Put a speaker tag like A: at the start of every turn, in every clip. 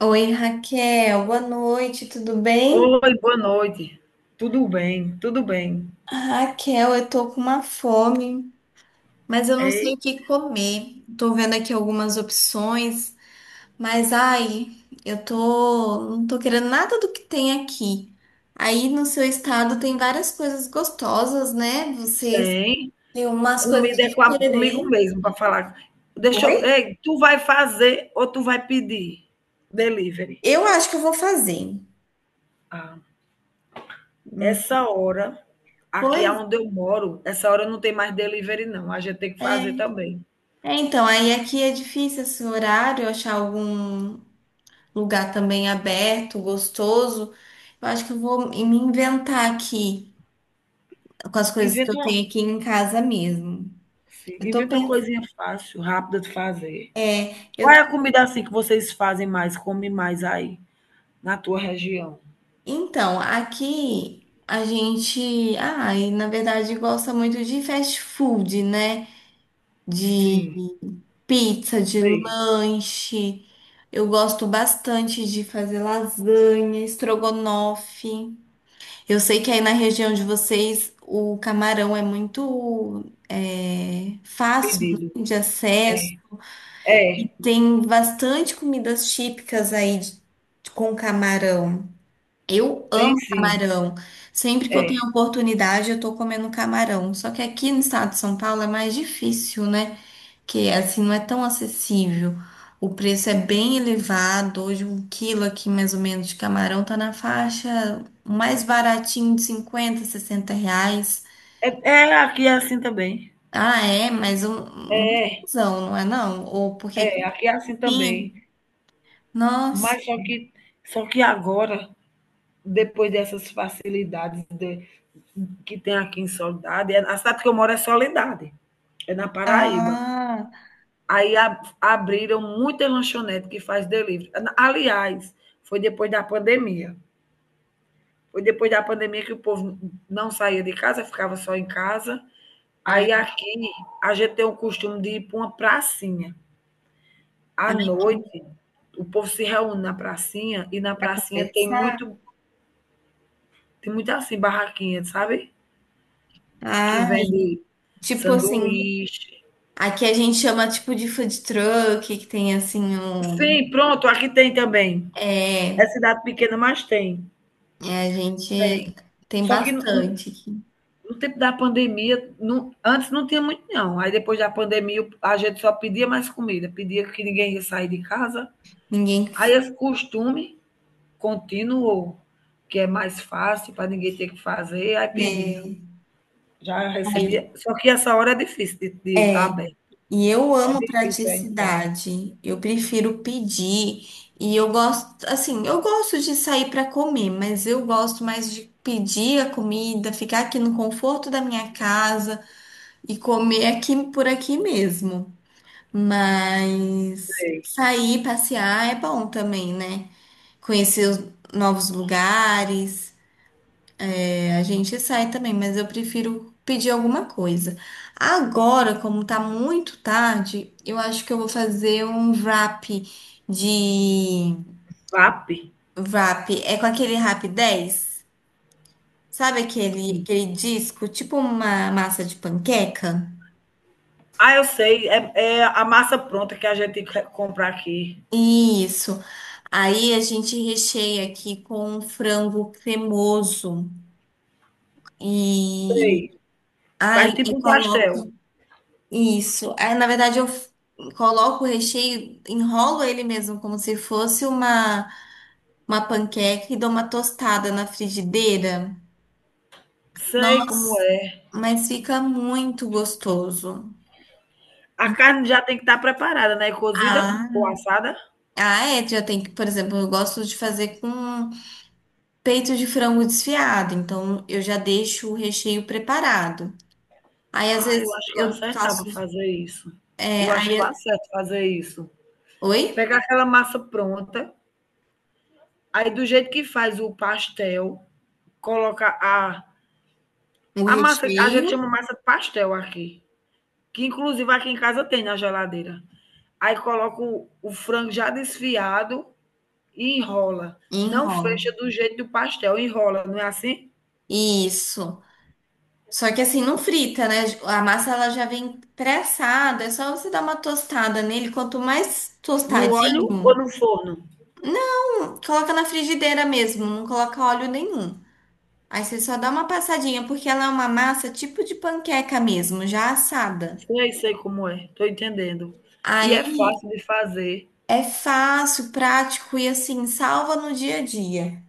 A: Oi, Raquel, boa noite, tudo bem?
B: Oi, boa noite. Tudo bem, tudo bem.
A: Raquel, eu tô com uma fome, mas eu não sei
B: Ei,
A: o que comer. Tô vendo aqui algumas opções, mas ai, não tô querendo nada do que tem aqui. Aí no seu estado tem várias coisas gostosas, né? Vocês
B: tem.
A: têm umas coisas
B: Comida é com a comigo
A: diferentes.
B: mesmo para falar. Deixa eu
A: Oi?
B: ei, tu vai fazer ou tu vai pedir delivery?
A: Eu acho que eu vou fazer.
B: Ah,
A: Não
B: essa hora, aqui
A: foi?
B: aonde eu moro, essa hora não tem mais delivery não, a gente tem que fazer
A: É,
B: também.
A: é, então, aí aqui é difícil esse horário, achar algum lugar também aberto, gostoso. Eu acho que eu vou me inventar aqui com as coisas que eu
B: Inventa uma
A: tenho aqui em casa mesmo.
B: sim,
A: Eu tô
B: inventa uma
A: pensando,
B: coisinha fácil, rápida de fazer.
A: é, eu
B: Qual é
A: tô...
B: a comida, assim, que vocês fazem mais, comem mais aí, na tua região?
A: Então, aqui a gente, e na verdade gosta muito de fast food, né? De
B: Sim,
A: pizza, de
B: sei,
A: lanche. Eu gosto bastante de fazer lasanha, estrogonofe. Eu sei que aí na região de vocês o camarão é muito fácil,
B: pedido.
A: né, de acesso,
B: É.
A: e
B: É,
A: tem bastante comidas típicas aí com camarão. Eu
B: tem
A: amo
B: sim.
A: camarão. Sempre que eu
B: É.
A: tenho oportunidade, eu tô comendo camarão. Só que aqui no estado de São Paulo é mais difícil, né? Que assim não é tão acessível. O preço é bem elevado. Hoje um quilo aqui mais ou menos de camarão tá na faixa, o mais baratinho, de 50, 60 reais.
B: É, é, aqui é assim também.
A: Ah, é, mas um não, não é não? Ou porque aqui
B: É,
A: em
B: aqui é assim também.
A: nossa,
B: Mas só que agora, depois dessas facilidades que tem aqui em Soledade, a cidade que eu moro é Soledade, é na Paraíba.
A: ah,
B: Aí abriram muita lanchonete que faz delivery. Aliás, foi depois da pandemia. Foi depois da pandemia que o povo não saía de casa, ficava só em casa.
A: ai,
B: Aí aqui a gente tem o costume de ir para uma pracinha. À
A: ai,
B: noite, o povo se reúne na pracinha e na pracinha tem
A: essa,
B: muito, tem muito assim, barraquinha, sabe? Que
A: ai,
B: vende
A: tipo assim,
B: sanduíche.
A: aqui a gente chama tipo de food truck, que tem assim um,
B: Sim, pronto, aqui tem também. É
A: é,
B: cidade pequena, mas tem.
A: é, a gente
B: Tem.
A: tem
B: Só que no,
A: bastante.
B: no tempo da pandemia, antes não tinha muito, não. Aí depois da pandemia, a gente só pedia mais comida, pedia que ninguém ia sair de casa.
A: Ninguém
B: Aí esse costume continuou, que é mais fácil para ninguém ter que fazer, aí pedia.
A: é,
B: Já
A: vai.
B: recebi. Só que essa hora é difícil de estar tá aberto.
A: E eu
B: É
A: amo
B: difícil, hein gente.
A: praticidade. Eu prefiro pedir. E eu gosto, assim, eu gosto de sair para comer, mas eu gosto mais de pedir a comida, ficar aqui no conforto da minha casa e comer aqui por aqui mesmo. Mas
B: Sei.
A: sair, passear é bom também, né? Conhecer os novos lugares. A gente sai também, mas eu prefiro pedir alguma coisa. Agora, como tá muito tarde, eu acho que eu vou fazer um wrap de
B: VAP.
A: é com aquele Rap 10, sabe, aquele disco, tipo uma massa de panqueca?
B: Ah, eu sei. É, é a massa pronta que a gente compra aqui.
A: Isso. Aí a gente recheia aqui com um frango cremoso e
B: Sei. Faz
A: e
B: tipo um
A: coloca.
B: pastel.
A: Isso. Aí, na verdade, coloco o recheio, enrolo ele mesmo como se fosse uma panqueca e dou uma tostada na frigideira.
B: Sei
A: Nossa,
B: como é.
A: mas fica muito gostoso.
B: A carne já tem que estar preparada, né? Cozida
A: Ah,
B: ou assada.
A: é, já tem que, por exemplo, eu gosto de fazer com peito de frango desfiado, então eu já deixo o recheio preparado. Aí às
B: Ah, eu
A: vezes
B: acho que eu
A: eu
B: acertava
A: faço,
B: fazer isso.
A: é,
B: Eu acho que eu
A: aí,
B: acerto fazer isso.
A: oi?
B: Pegar aquela massa pronta, aí do jeito que faz o pastel, coloca a
A: O
B: A massa, a
A: recheio
B: gente chama massa de pastel aqui, que inclusive aqui em casa tem na geladeira. Aí coloca o frango já desfiado e enrola.
A: e
B: Não
A: enrolo.
B: fecha do jeito do pastel, enrola, não é assim?
A: Isso. Só que assim, não frita, né? A massa ela já vem pré-assada, é só você dar uma tostada nele. Quanto mais
B: No óleo ou
A: tostadinho,
B: no forno?
A: coloca na frigideira mesmo, não coloca óleo nenhum. Aí você só dá uma passadinha, porque ela é uma massa tipo de panqueca mesmo, já assada.
B: Sei, sei como é, tô entendendo. E é
A: Aí
B: fácil de fazer.
A: é fácil, prático e assim, salva no dia a dia.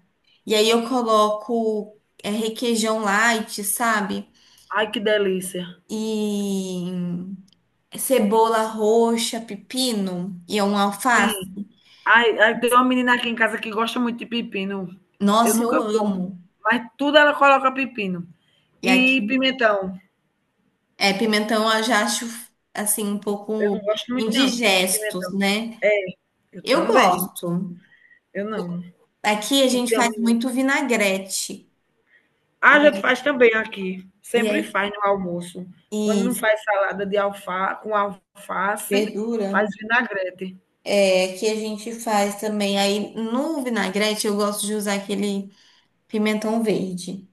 A: E aí eu coloco requeijão light, sabe?
B: Ai, que delícia.
A: E cebola roxa, pepino e um alface.
B: Sim. Ai, ai, tem uma menina aqui em casa que gosta muito de pepino. Eu
A: Nossa, eu
B: nunca como,
A: amo.
B: mas tudo ela coloca pepino.
A: E aqui,
B: E pimentão.
A: pimentão eu já acho assim um
B: Eu não
A: pouco
B: gosto muito, não.
A: indigestos,
B: Pimentão.
A: né?
B: É, eu
A: Eu
B: também.
A: gosto.
B: Eu não.
A: Aqui a
B: Não, a
A: gente faz
B: gente
A: muito vinagrete. E aí,
B: faz também aqui.
A: e
B: Sempre
A: aí-
B: faz no almoço. Quando
A: e
B: não faz salada de alfa, com alface,
A: verdura.
B: faz vinagrete.
A: É, aqui a gente faz também. Aí no vinagrete eu gosto de usar aquele pimentão verde,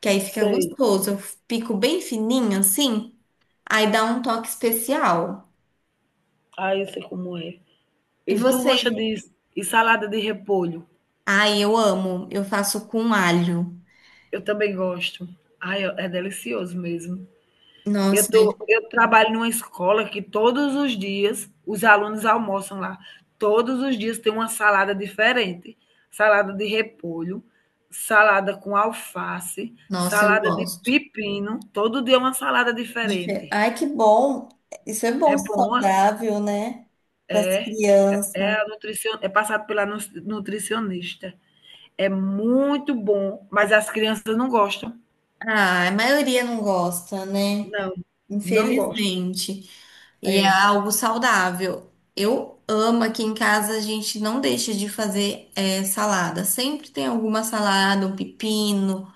A: que aí fica
B: Sei.
A: gostoso. Eu pico bem fininho assim, aí dá um toque especial.
B: Ah, eu sei como é.
A: E
B: E tu gosta
A: vocês?
B: de e salada de repolho?
A: Ai, eu amo. Eu faço com alho.
B: Eu também gosto. Ai, é delicioso mesmo. Eu
A: Nossa,
B: tô, eu trabalho numa escola que todos os dias os alunos almoçam lá. Todos os dias tem uma salada diferente, salada de repolho, salada com alface,
A: nossa, eu
B: salada de
A: gosto.
B: pepino, todo dia é uma salada diferente.
A: Ai, que bom. Isso é bom,
B: É boa,
A: saudável, né? Para as crianças.
B: é a nutricion... é passado pela nutricionista. É muito bom, mas as crianças não gostam.
A: Ah, a maioria não gosta, né?
B: Não, não gostam.
A: Infelizmente. E é
B: É,
A: algo saudável. Eu amo aqui em casa, a gente não deixa de fazer salada. Sempre tem alguma salada, um pepino,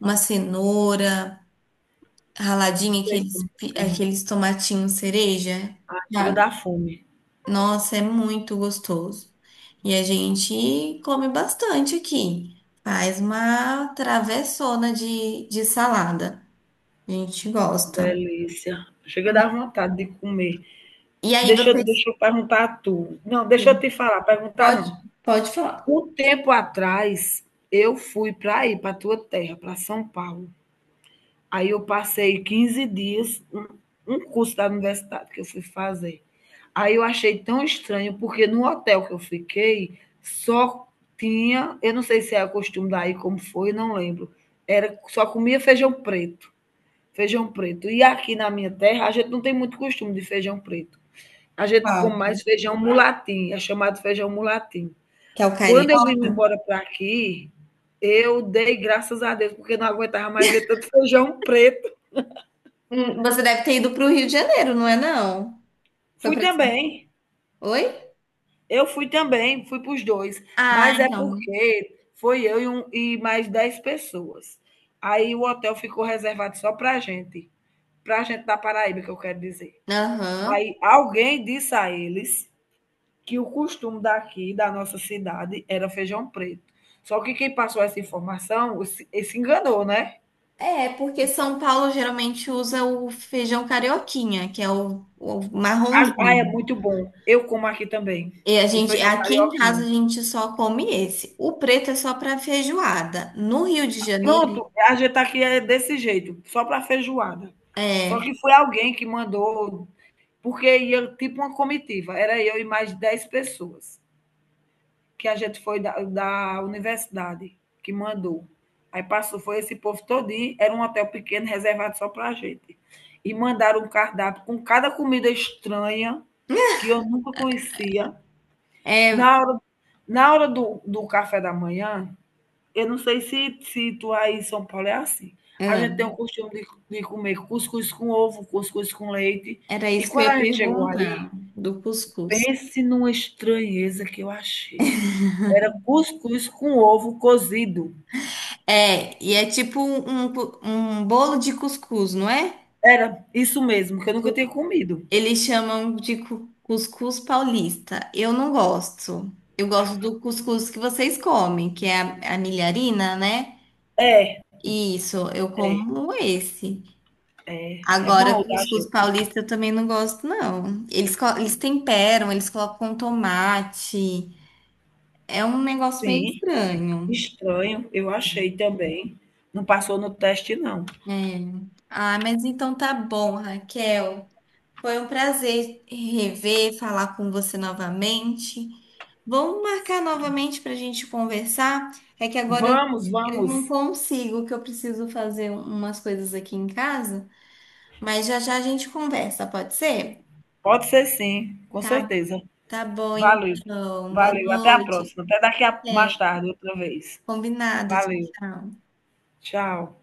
A: uma cenoura raladinha,
B: sei
A: aqueles,
B: como sei.
A: aqueles tomatinhos cereja.
B: Ah, chega a dar fome.
A: Nossa, é muito gostoso. E a gente come bastante aqui. Faz uma travessona de salada. A gente gosta.
B: Delícia. Chega a dar vontade de comer.
A: E aí,
B: Deixa, eu-
A: vocês.
B: deixa eu perguntar a tu. Não, deixa eu te falar, perguntar
A: Pode,
B: não.
A: pode falar.
B: Um tempo atrás, eu fui para aí, para tua terra, para São Paulo. Aí eu passei 15 dias, um curso da universidade que eu fui fazer. Aí eu achei tão estranho, porque no hotel que eu fiquei, só tinha, eu não sei se é o costume daí, como foi, não lembro. Era, só comia feijão preto. Feijão preto. E aqui na minha terra, a gente não tem muito costume de feijão preto. A gente
A: Qual
B: come mais feijão mulatim, é chamado feijão mulatim.
A: que é o
B: Quando eu
A: carioca?
B: vim embora para aqui, eu dei graças a Deus, porque não aguentava mais ver tanto feijão preto.
A: Você deve ter ido para o Rio de Janeiro, não é não? Foi
B: Fui
A: para.
B: também,
A: Oi?
B: eu fui também, fui para os dois,
A: Ah,
B: mas é
A: então.
B: porque foi eu e mais 10 pessoas. Aí o hotel ficou reservado só para a gente da Paraíba, que eu quero dizer.
A: Aham.
B: Aí alguém disse a eles que o costume daqui, da nossa cidade, era feijão preto. Só que quem passou essa informação se enganou, né?
A: É, porque São Paulo geralmente usa o feijão carioquinha, que é o
B: Ah, ah, é
A: marronzinho.
B: muito bom. Eu como aqui também.
A: E a
B: O
A: gente,
B: feijão
A: aqui em casa a
B: carioquinho.
A: gente só come esse. O preto é só para feijoada. No Rio de Janeiro,
B: Pronto, a gente aqui é desse jeito, só para feijoada. Só
A: é,
B: que foi alguém que mandou, porque ia tipo uma comitiva. Era eu e mais de 10 pessoas. Que a gente foi da universidade que mandou. Aí passou, foi esse povo todinho, era um hotel pequeno reservado só para a gente. E mandaram um cardápio com cada comida estranha que eu nunca conhecia.
A: é,
B: Na hora, na hora do café da manhã, eu não sei se tu aí em São Paulo é assim. A
A: é,
B: gente tem o costume de comer cuscuz com ovo, cuscuz com leite.
A: era
B: E
A: isso que eu
B: quando
A: ia
B: a gente chegou aí,
A: perguntar do cuscuz.
B: pense numa estranheza que eu achei. Cuscuz com ovo cozido.
A: É, e é tipo um, um bolo de cuscuz, não é?
B: Era isso mesmo, que eu nunca
A: O-
B: tinha comido.
A: Eles chamam de cuscuz paulista. Eu não gosto. Eu gosto do cuscuz que vocês comem, que é a milharina, né?
B: É,
A: Isso, eu como esse.
B: é
A: Agora,
B: bom
A: os
B: da
A: cuscuz
B: gente.
A: paulista eu também não gosto, não. Eles, eles temperam, eles colocam um tomate. É um negócio meio
B: Sim,
A: estranho.
B: estranho, eu achei também. Não passou no teste, não.
A: É. Ah, mas então tá bom, Raquel. Foi um prazer rever, falar com você novamente. Vamos marcar novamente para a gente conversar? É que agora
B: Vamos,
A: eu não
B: vamos.
A: consigo, que eu preciso fazer umas coisas aqui em casa, mas já já a gente conversa, pode ser?
B: Pode ser sim, com
A: Tá.
B: certeza.
A: Tá bom,
B: Valeu,
A: então. Boa
B: valeu. Até a
A: noite.
B: próxima. Até daqui a
A: É,
B: mais tarde, outra vez.
A: combinado. Tchau,
B: Valeu,
A: tchau.
B: tchau.